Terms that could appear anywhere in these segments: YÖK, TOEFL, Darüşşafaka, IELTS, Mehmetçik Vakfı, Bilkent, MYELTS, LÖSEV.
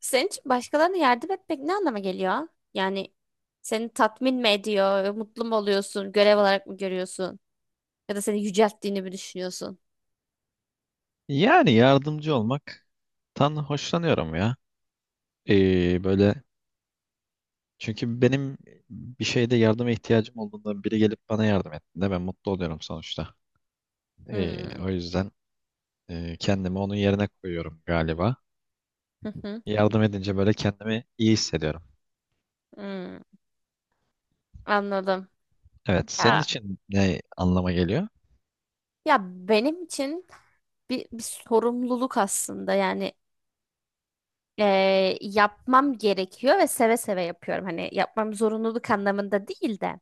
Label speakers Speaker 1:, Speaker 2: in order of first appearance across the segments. Speaker 1: Senin için başkalarına yardım etmek ne anlama geliyor? Yani seni tatmin mi ediyor, mutlu mu oluyorsun, görev olarak mı görüyorsun? Ya da seni yücelttiğini mi düşünüyorsun?
Speaker 2: Yani yardımcı olmaktan hoşlanıyorum ya. Böyle çünkü benim bir şeyde yardıma ihtiyacım olduğunda biri gelip bana yardım ettiğinde ben mutlu oluyorum sonuçta. Ee,
Speaker 1: Hmm.
Speaker 2: O yüzden kendimi onun yerine koyuyorum galiba.
Speaker 1: Hı hı.
Speaker 2: Yardım edince böyle kendimi iyi hissediyorum.
Speaker 1: Hmm. Anladım.
Speaker 2: Evet, senin
Speaker 1: Ya
Speaker 2: için ne anlama geliyor?
Speaker 1: ya benim için bir sorumluluk aslında. Yani yapmam gerekiyor ve seve seve yapıyorum. Hani yapmam zorunluluk anlamında değil de.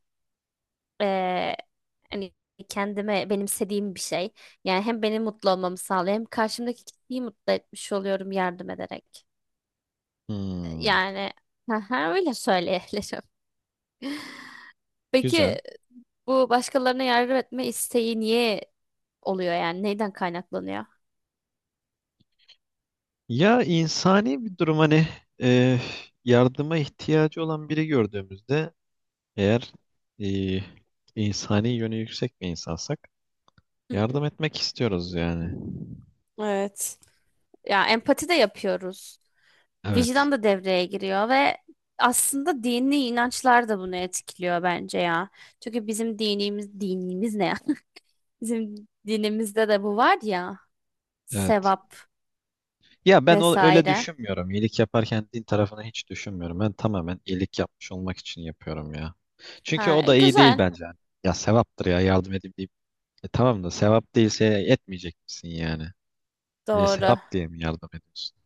Speaker 1: Ee, hani kendime benimsediğim bir şey. Yani hem beni mutlu olmamı sağlıyor hem karşımdaki kişiyi mutlu etmiş oluyorum yardım ederek.
Speaker 2: Hmm,
Speaker 1: Yani haha, öyle söyleyebilirim.
Speaker 2: güzel.
Speaker 1: Peki bu başkalarına yardım etme isteği niye oluyor yani? Neyden kaynaklanıyor?
Speaker 2: Ya insani bir durum hani e, yardıma ihtiyacı olan biri gördüğümüzde eğer e, insani yönü yüksek bir insansak
Speaker 1: Hı hı.
Speaker 2: yardım etmek istiyoruz yani.
Speaker 1: Evet. Ya empati de yapıyoruz.
Speaker 2: Evet,
Speaker 1: Vicdan da devreye giriyor ve aslında dini inançlar da bunu etkiliyor bence ya. Çünkü bizim dinimiz, dinimiz ne ya? Bizim dinimizde de bu var ya,
Speaker 2: evet.
Speaker 1: sevap
Speaker 2: Ya ben o, öyle
Speaker 1: vesaire.
Speaker 2: düşünmüyorum. İyilik yaparken din tarafını hiç düşünmüyorum. Ben tamamen iyilik yapmış olmak için yapıyorum ya. Çünkü
Speaker 1: Ha,
Speaker 2: o
Speaker 1: e,
Speaker 2: da iyi değil
Speaker 1: güzel.
Speaker 2: bence. Ya sevaptır ya yardım edeyim deyip. E tamam da sevap değilse etmeyecek misin yani? E,
Speaker 1: Doğru.
Speaker 2: sevap diye mi yardım ediyorsun?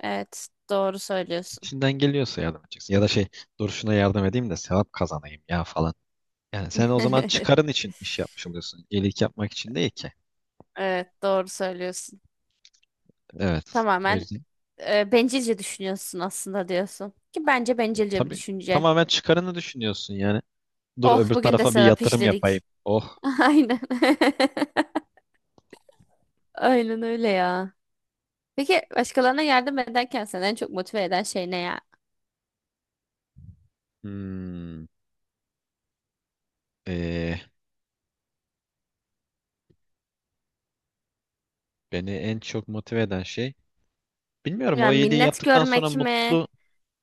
Speaker 1: Evet, doğru söylüyorsun.
Speaker 2: İçinden geliyorsa yardım edeceksin. Ya da şey, dur şuna yardım edeyim de sevap kazanayım ya falan. Yani sen o zaman çıkarın için iş yapmış oluyorsun. İyilik yapmak için değil ki.
Speaker 1: Evet, doğru söylüyorsun.
Speaker 2: Evet. O
Speaker 1: Tamamen
Speaker 2: yüzden
Speaker 1: e, bencilce düşünüyorsun aslında diyorsun. Ki bence
Speaker 2: e,
Speaker 1: bencilce bir
Speaker 2: tabii,
Speaker 1: düşünce.
Speaker 2: tamamen çıkarını düşünüyorsun yani. Dur
Speaker 1: Oh,
Speaker 2: öbür
Speaker 1: bugün de
Speaker 2: tarafa bir
Speaker 1: sevap
Speaker 2: yatırım yapayım.
Speaker 1: işledik.
Speaker 2: Oh.
Speaker 1: Aynen. Aynen öyle ya. Peki başkalarına yardım ederken seni en çok motive eden şey ne ya?
Speaker 2: Hmm. Ee, Beni en çok motive eden şey. Bilmiyorum o
Speaker 1: Yani
Speaker 2: iyiliği
Speaker 1: minnet
Speaker 2: yaptıktan sonra
Speaker 1: görmek mi?
Speaker 2: mutlu.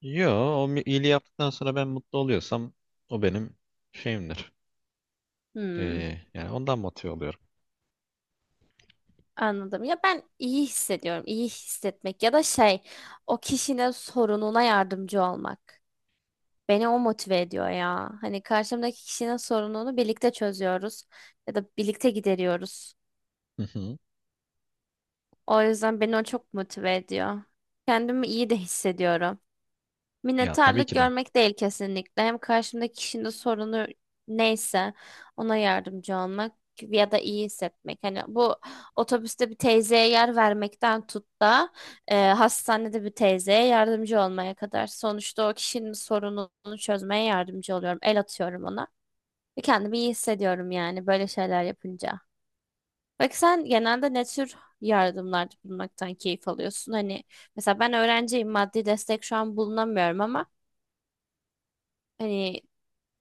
Speaker 2: Yo, iyiliği yaptıktan sonra ben mutlu oluyorsam o benim şeyimdir.
Speaker 1: Hmm,
Speaker 2: Yani ondan motive oluyorum.
Speaker 1: anladım. Ya ben iyi hissediyorum. İyi hissetmek ya da şey, o kişinin sorununa yardımcı olmak. Beni o motive ediyor ya. Hani karşımdaki kişinin sorununu birlikte çözüyoruz ya da birlikte gideriyoruz.
Speaker 2: Hı hı.
Speaker 1: O yüzden beni o çok motive ediyor. Kendimi iyi de hissediyorum.
Speaker 2: Ya tabii
Speaker 1: Minnettarlık
Speaker 2: ki de.
Speaker 1: görmek değil kesinlikle. Hem karşımdaki kişinin de sorunu neyse ona yardımcı olmak ya da iyi hissetmek. Hani bu otobüste bir teyzeye yer vermekten tut da e, hastanede bir teyzeye yardımcı olmaya kadar. Sonuçta o kişinin sorununu çözmeye yardımcı oluyorum. El atıyorum ona. Ve kendimi iyi hissediyorum yani böyle şeyler yapınca. Peki sen genelde ne tür yardımlarda bulunmaktan keyif alıyorsun? Hani mesela ben öğrenciyim, maddi destek şu an bulunamıyorum ama hani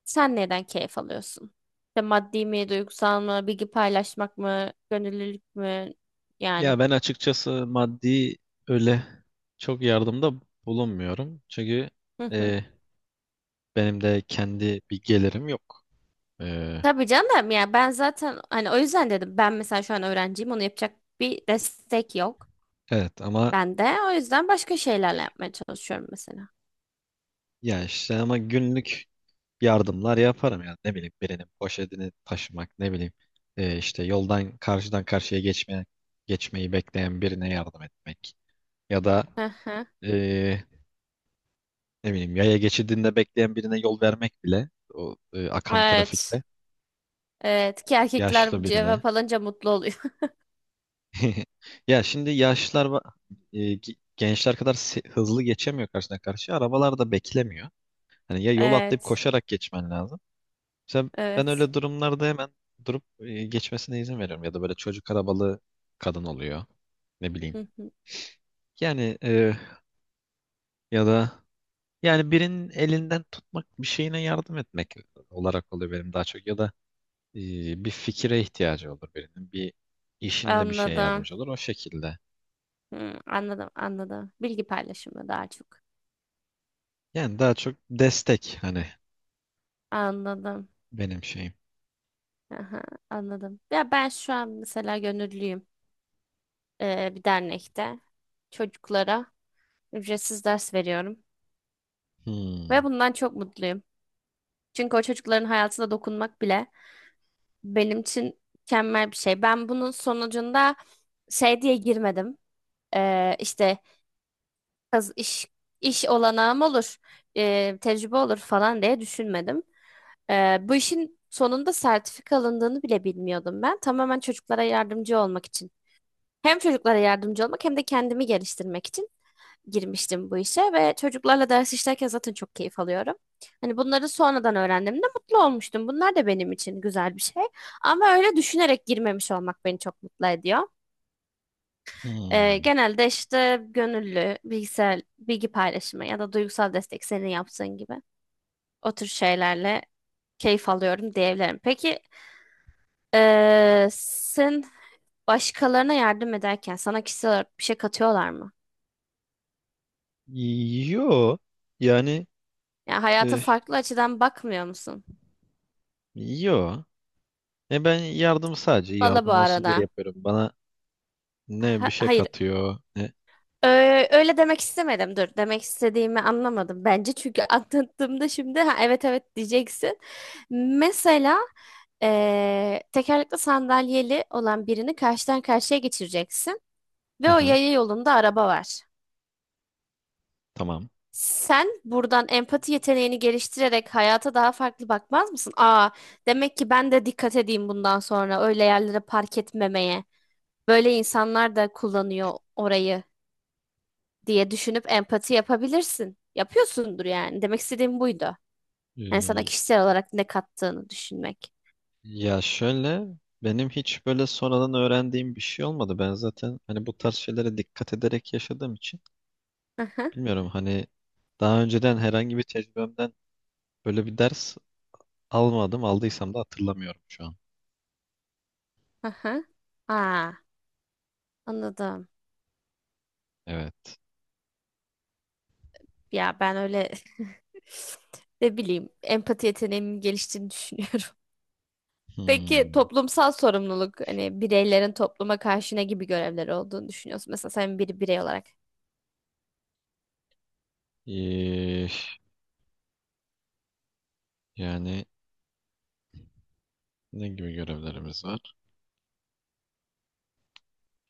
Speaker 1: sen neden keyif alıyorsun? İşte maddi mi, duygusal mı, bilgi paylaşmak mı, gönüllülük mü? Yani.
Speaker 2: Ya ben açıkçası maddi öyle çok yardımda bulunmuyorum. Çünkü
Speaker 1: Hı hı.
Speaker 2: e, benim de kendi bir gelirim yok. E,
Speaker 1: Tabii canım, ya ben zaten hani o yüzden dedim, ben mesela şu an öğrenciyim, onu yapacak bir destek yok
Speaker 2: evet ama
Speaker 1: bende. O yüzden başka şeylerle yapmaya çalışıyorum mesela.
Speaker 2: ya işte ama günlük yardımlar yaparım yani ne bileyim birinin poşetini taşımak, ne bileyim işte yoldan geçmeyi bekleyen birine yardım etmek ya da
Speaker 1: Hı hı.
Speaker 2: e, ne bileyim yaya geçidinde bekleyen birine yol vermek bile o akan
Speaker 1: Evet.
Speaker 2: trafikte
Speaker 1: Evet ki erkekler
Speaker 2: yaşlı
Speaker 1: bu
Speaker 2: birine.
Speaker 1: cevap alınca mutlu oluyor.
Speaker 2: Ya şimdi yaşlılar gençler kadar hızlı geçemiyor, karşıdan karşıya arabalar da beklemiyor. Hani ya yol atlayıp
Speaker 1: Evet.
Speaker 2: koşarak geçmen lazım. Mesela ben
Speaker 1: Evet.
Speaker 2: öyle durumlarda hemen durup geçmesine izin veriyorum. Ya da böyle çocuk arabalı kadın oluyor. Ne bileyim.
Speaker 1: Hı hı.
Speaker 2: Yani, ya da yani birinin elinden tutmak, bir şeyine yardım etmek olarak oluyor benim daha çok. Ya da e, bir fikire ihtiyacı olur birinin. Bir işinde bir şeye
Speaker 1: Anladım.
Speaker 2: yardımcı olur o şekilde.
Speaker 1: Hı, anladım anladım. Bilgi paylaşımı daha çok.
Speaker 2: Yani daha çok destek hani
Speaker 1: Anladım.
Speaker 2: benim şeyim.
Speaker 1: Aha, anladım. Ya ben şu an mesela gönüllüyüm bir dernekte. Çocuklara ücretsiz ders veriyorum.
Speaker 2: Hmm,
Speaker 1: Ve bundan çok mutluyum. Çünkü o çocukların hayatına dokunmak bile benim için mükemmel bir şey. Ben bunun sonucunda şey diye girmedim. İşte kaz- iş, iş olanağım olur, tecrübe olur falan diye düşünmedim. Bu işin sonunda sertifika alındığını bile bilmiyordum ben. Tamamen çocuklara yardımcı olmak için. Hem çocuklara yardımcı olmak hem de kendimi geliştirmek için girmiştim bu işe ve çocuklarla ders işlerken zaten çok keyif alıyorum. Hani bunları sonradan öğrendiğimde mutlu olmuştum. Bunlar da benim için güzel bir şey. Ama öyle düşünerek girmemiş olmak beni çok mutlu ediyor.
Speaker 2: hmm.
Speaker 1: Genelde işte gönüllü, bilgisayar, bilgi paylaşımı ya da duygusal destek senin yaptığın gibi o tür şeylerle keyif alıyorum diyebilirim. Peki sen başkalarına yardım ederken sana kişisel olarak bir şey katıyorlar mı?
Speaker 2: Yo, yani
Speaker 1: Ya hayata
Speaker 2: e,
Speaker 1: farklı açıdan bakmıyor musun?
Speaker 2: yo. E ben yardım sadece
Speaker 1: Valla bu
Speaker 2: yardım olsun diye
Speaker 1: arada.
Speaker 2: yapıyorum. Bana ne bir
Speaker 1: Ha-
Speaker 2: şey
Speaker 1: hayır.
Speaker 2: katıyor ne.
Speaker 1: Ö- öyle demek istemedim. Dur. Demek istediğimi anlamadım. Bence çünkü anlattığımda şimdi ha, evet diyeceksin. Mesela tekerlekli sandalyeli olan birini karşıdan karşıya geçireceksin. Ve o
Speaker 2: Aha,
Speaker 1: yaya yolunda araba var.
Speaker 2: tamam.
Speaker 1: Sen buradan empati yeteneğini geliştirerek hayata daha farklı bakmaz mısın? Aa, demek ki ben de dikkat edeyim bundan sonra öyle yerlere park etmemeye. Böyle insanlar da kullanıyor orayı diye düşünüp empati yapabilirsin. Yapıyorsundur yani. Demek istediğim buydu. Yani sana
Speaker 2: Ee,
Speaker 1: kişisel olarak ne kattığını düşünmek.
Speaker 2: Ya şöyle, benim hiç böyle sonradan öğrendiğim bir şey olmadı. Ben zaten hani bu tarz şeylere dikkat ederek yaşadığım için
Speaker 1: Hı hı,
Speaker 2: bilmiyorum hani daha önceden herhangi bir tecrübemden böyle bir ders almadım. Aldıysam da hatırlamıyorum şu an.
Speaker 1: hı hı. Aa, anladım.
Speaker 2: Evet.
Speaker 1: Ya ben öyle ne bileyim empati yeteneğimin geliştiğini düşünüyorum. Peki
Speaker 2: Hmm.
Speaker 1: toplumsal sorumluluk, hani bireylerin topluma karşı ne gibi görevleri olduğunu düşünüyorsun? Mesela sen bir birey olarak.
Speaker 2: Ee, Yani ne gibi görevlerimiz var?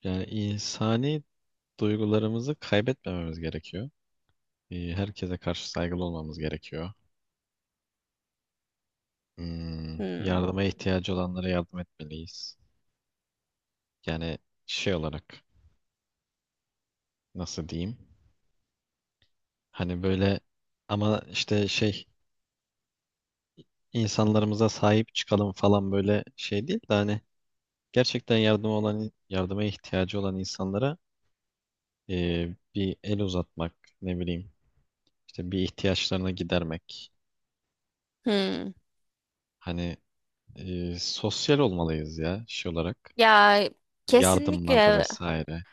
Speaker 2: Yani insani duygularımızı kaybetmememiz gerekiyor. E, herkese karşı saygılı olmamız gerekiyor. Hmm,
Speaker 1: Hmm.
Speaker 2: yardıma ihtiyacı olanlara yardım etmeliyiz. Yani şey olarak nasıl diyeyim? Hani böyle, ama işte şey, insanlarımıza sahip çıkalım falan böyle şey değil de hani gerçekten yardıma ihtiyacı olan insanlara bir el uzatmak, ne bileyim işte bir ihtiyaçlarını gidermek.
Speaker 1: Hmm.
Speaker 2: Hani sosyal olmalıyız ya şey olarak,
Speaker 1: Ya
Speaker 2: yardımlarda
Speaker 1: kesinlikle,
Speaker 2: vesaire.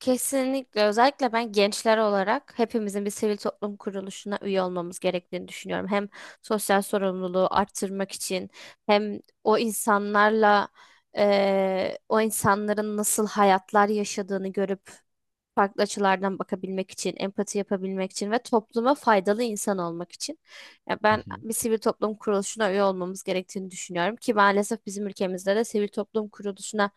Speaker 1: kesinlikle özellikle ben gençler olarak hepimizin bir sivil toplum kuruluşuna üye olmamız gerektiğini düşünüyorum. Hem sosyal sorumluluğu arttırmak için hem o insanlarla o insanların nasıl hayatlar yaşadığını görüp farklı açılardan bakabilmek için, empati yapabilmek için ve topluma faydalı insan olmak için. Ya ben bir sivil toplum kuruluşuna üye olmamız gerektiğini düşünüyorum ki maalesef bizim ülkemizde de sivil toplum kuruluşuna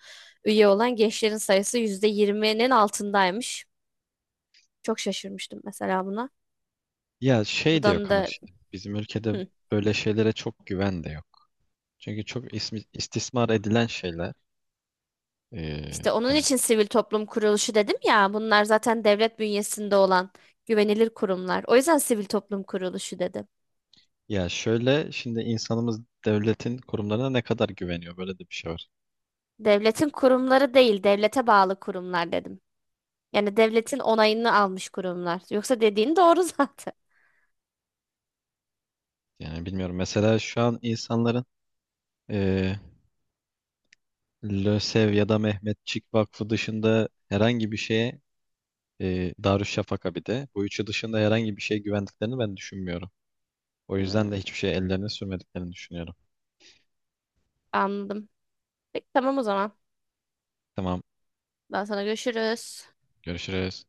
Speaker 1: üye olan gençlerin sayısı %20'nin altındaymış. Çok şaşırmıştım mesela buna.
Speaker 2: Ya şey de
Speaker 1: Buradan
Speaker 2: yok ama
Speaker 1: da
Speaker 2: şimdi bizim ülkede
Speaker 1: hı.
Speaker 2: böyle şeylere çok güven de yok. Çünkü çok istismar edilen şeyler. Ee,
Speaker 1: İşte onun
Speaker 2: hani
Speaker 1: için sivil toplum kuruluşu dedim ya, bunlar zaten devlet bünyesinde olan güvenilir kurumlar. O yüzden sivil toplum kuruluşu dedim.
Speaker 2: Ya şöyle şimdi insanımız devletin kurumlarına ne kadar güveniyor, böyle de bir şey var.
Speaker 1: Devletin kurumları değil, devlete bağlı kurumlar dedim. Yani devletin onayını almış kurumlar. Yoksa dediğin doğru zaten.
Speaker 2: Yani bilmiyorum mesela şu an insanların ee, LÖSEV ya da Mehmetçik Vakfı dışında herhangi bir şeye Darüşşafaka, bir de bu üçü dışında herhangi bir şeye güvendiklerini ben düşünmüyorum. O yüzden de
Speaker 1: Hmm,
Speaker 2: hiçbir şeye ellerini sürmediklerini düşünüyorum.
Speaker 1: anladım. Peki tamam o zaman.
Speaker 2: Tamam,
Speaker 1: Daha sonra görüşürüz.
Speaker 2: görüşürüz.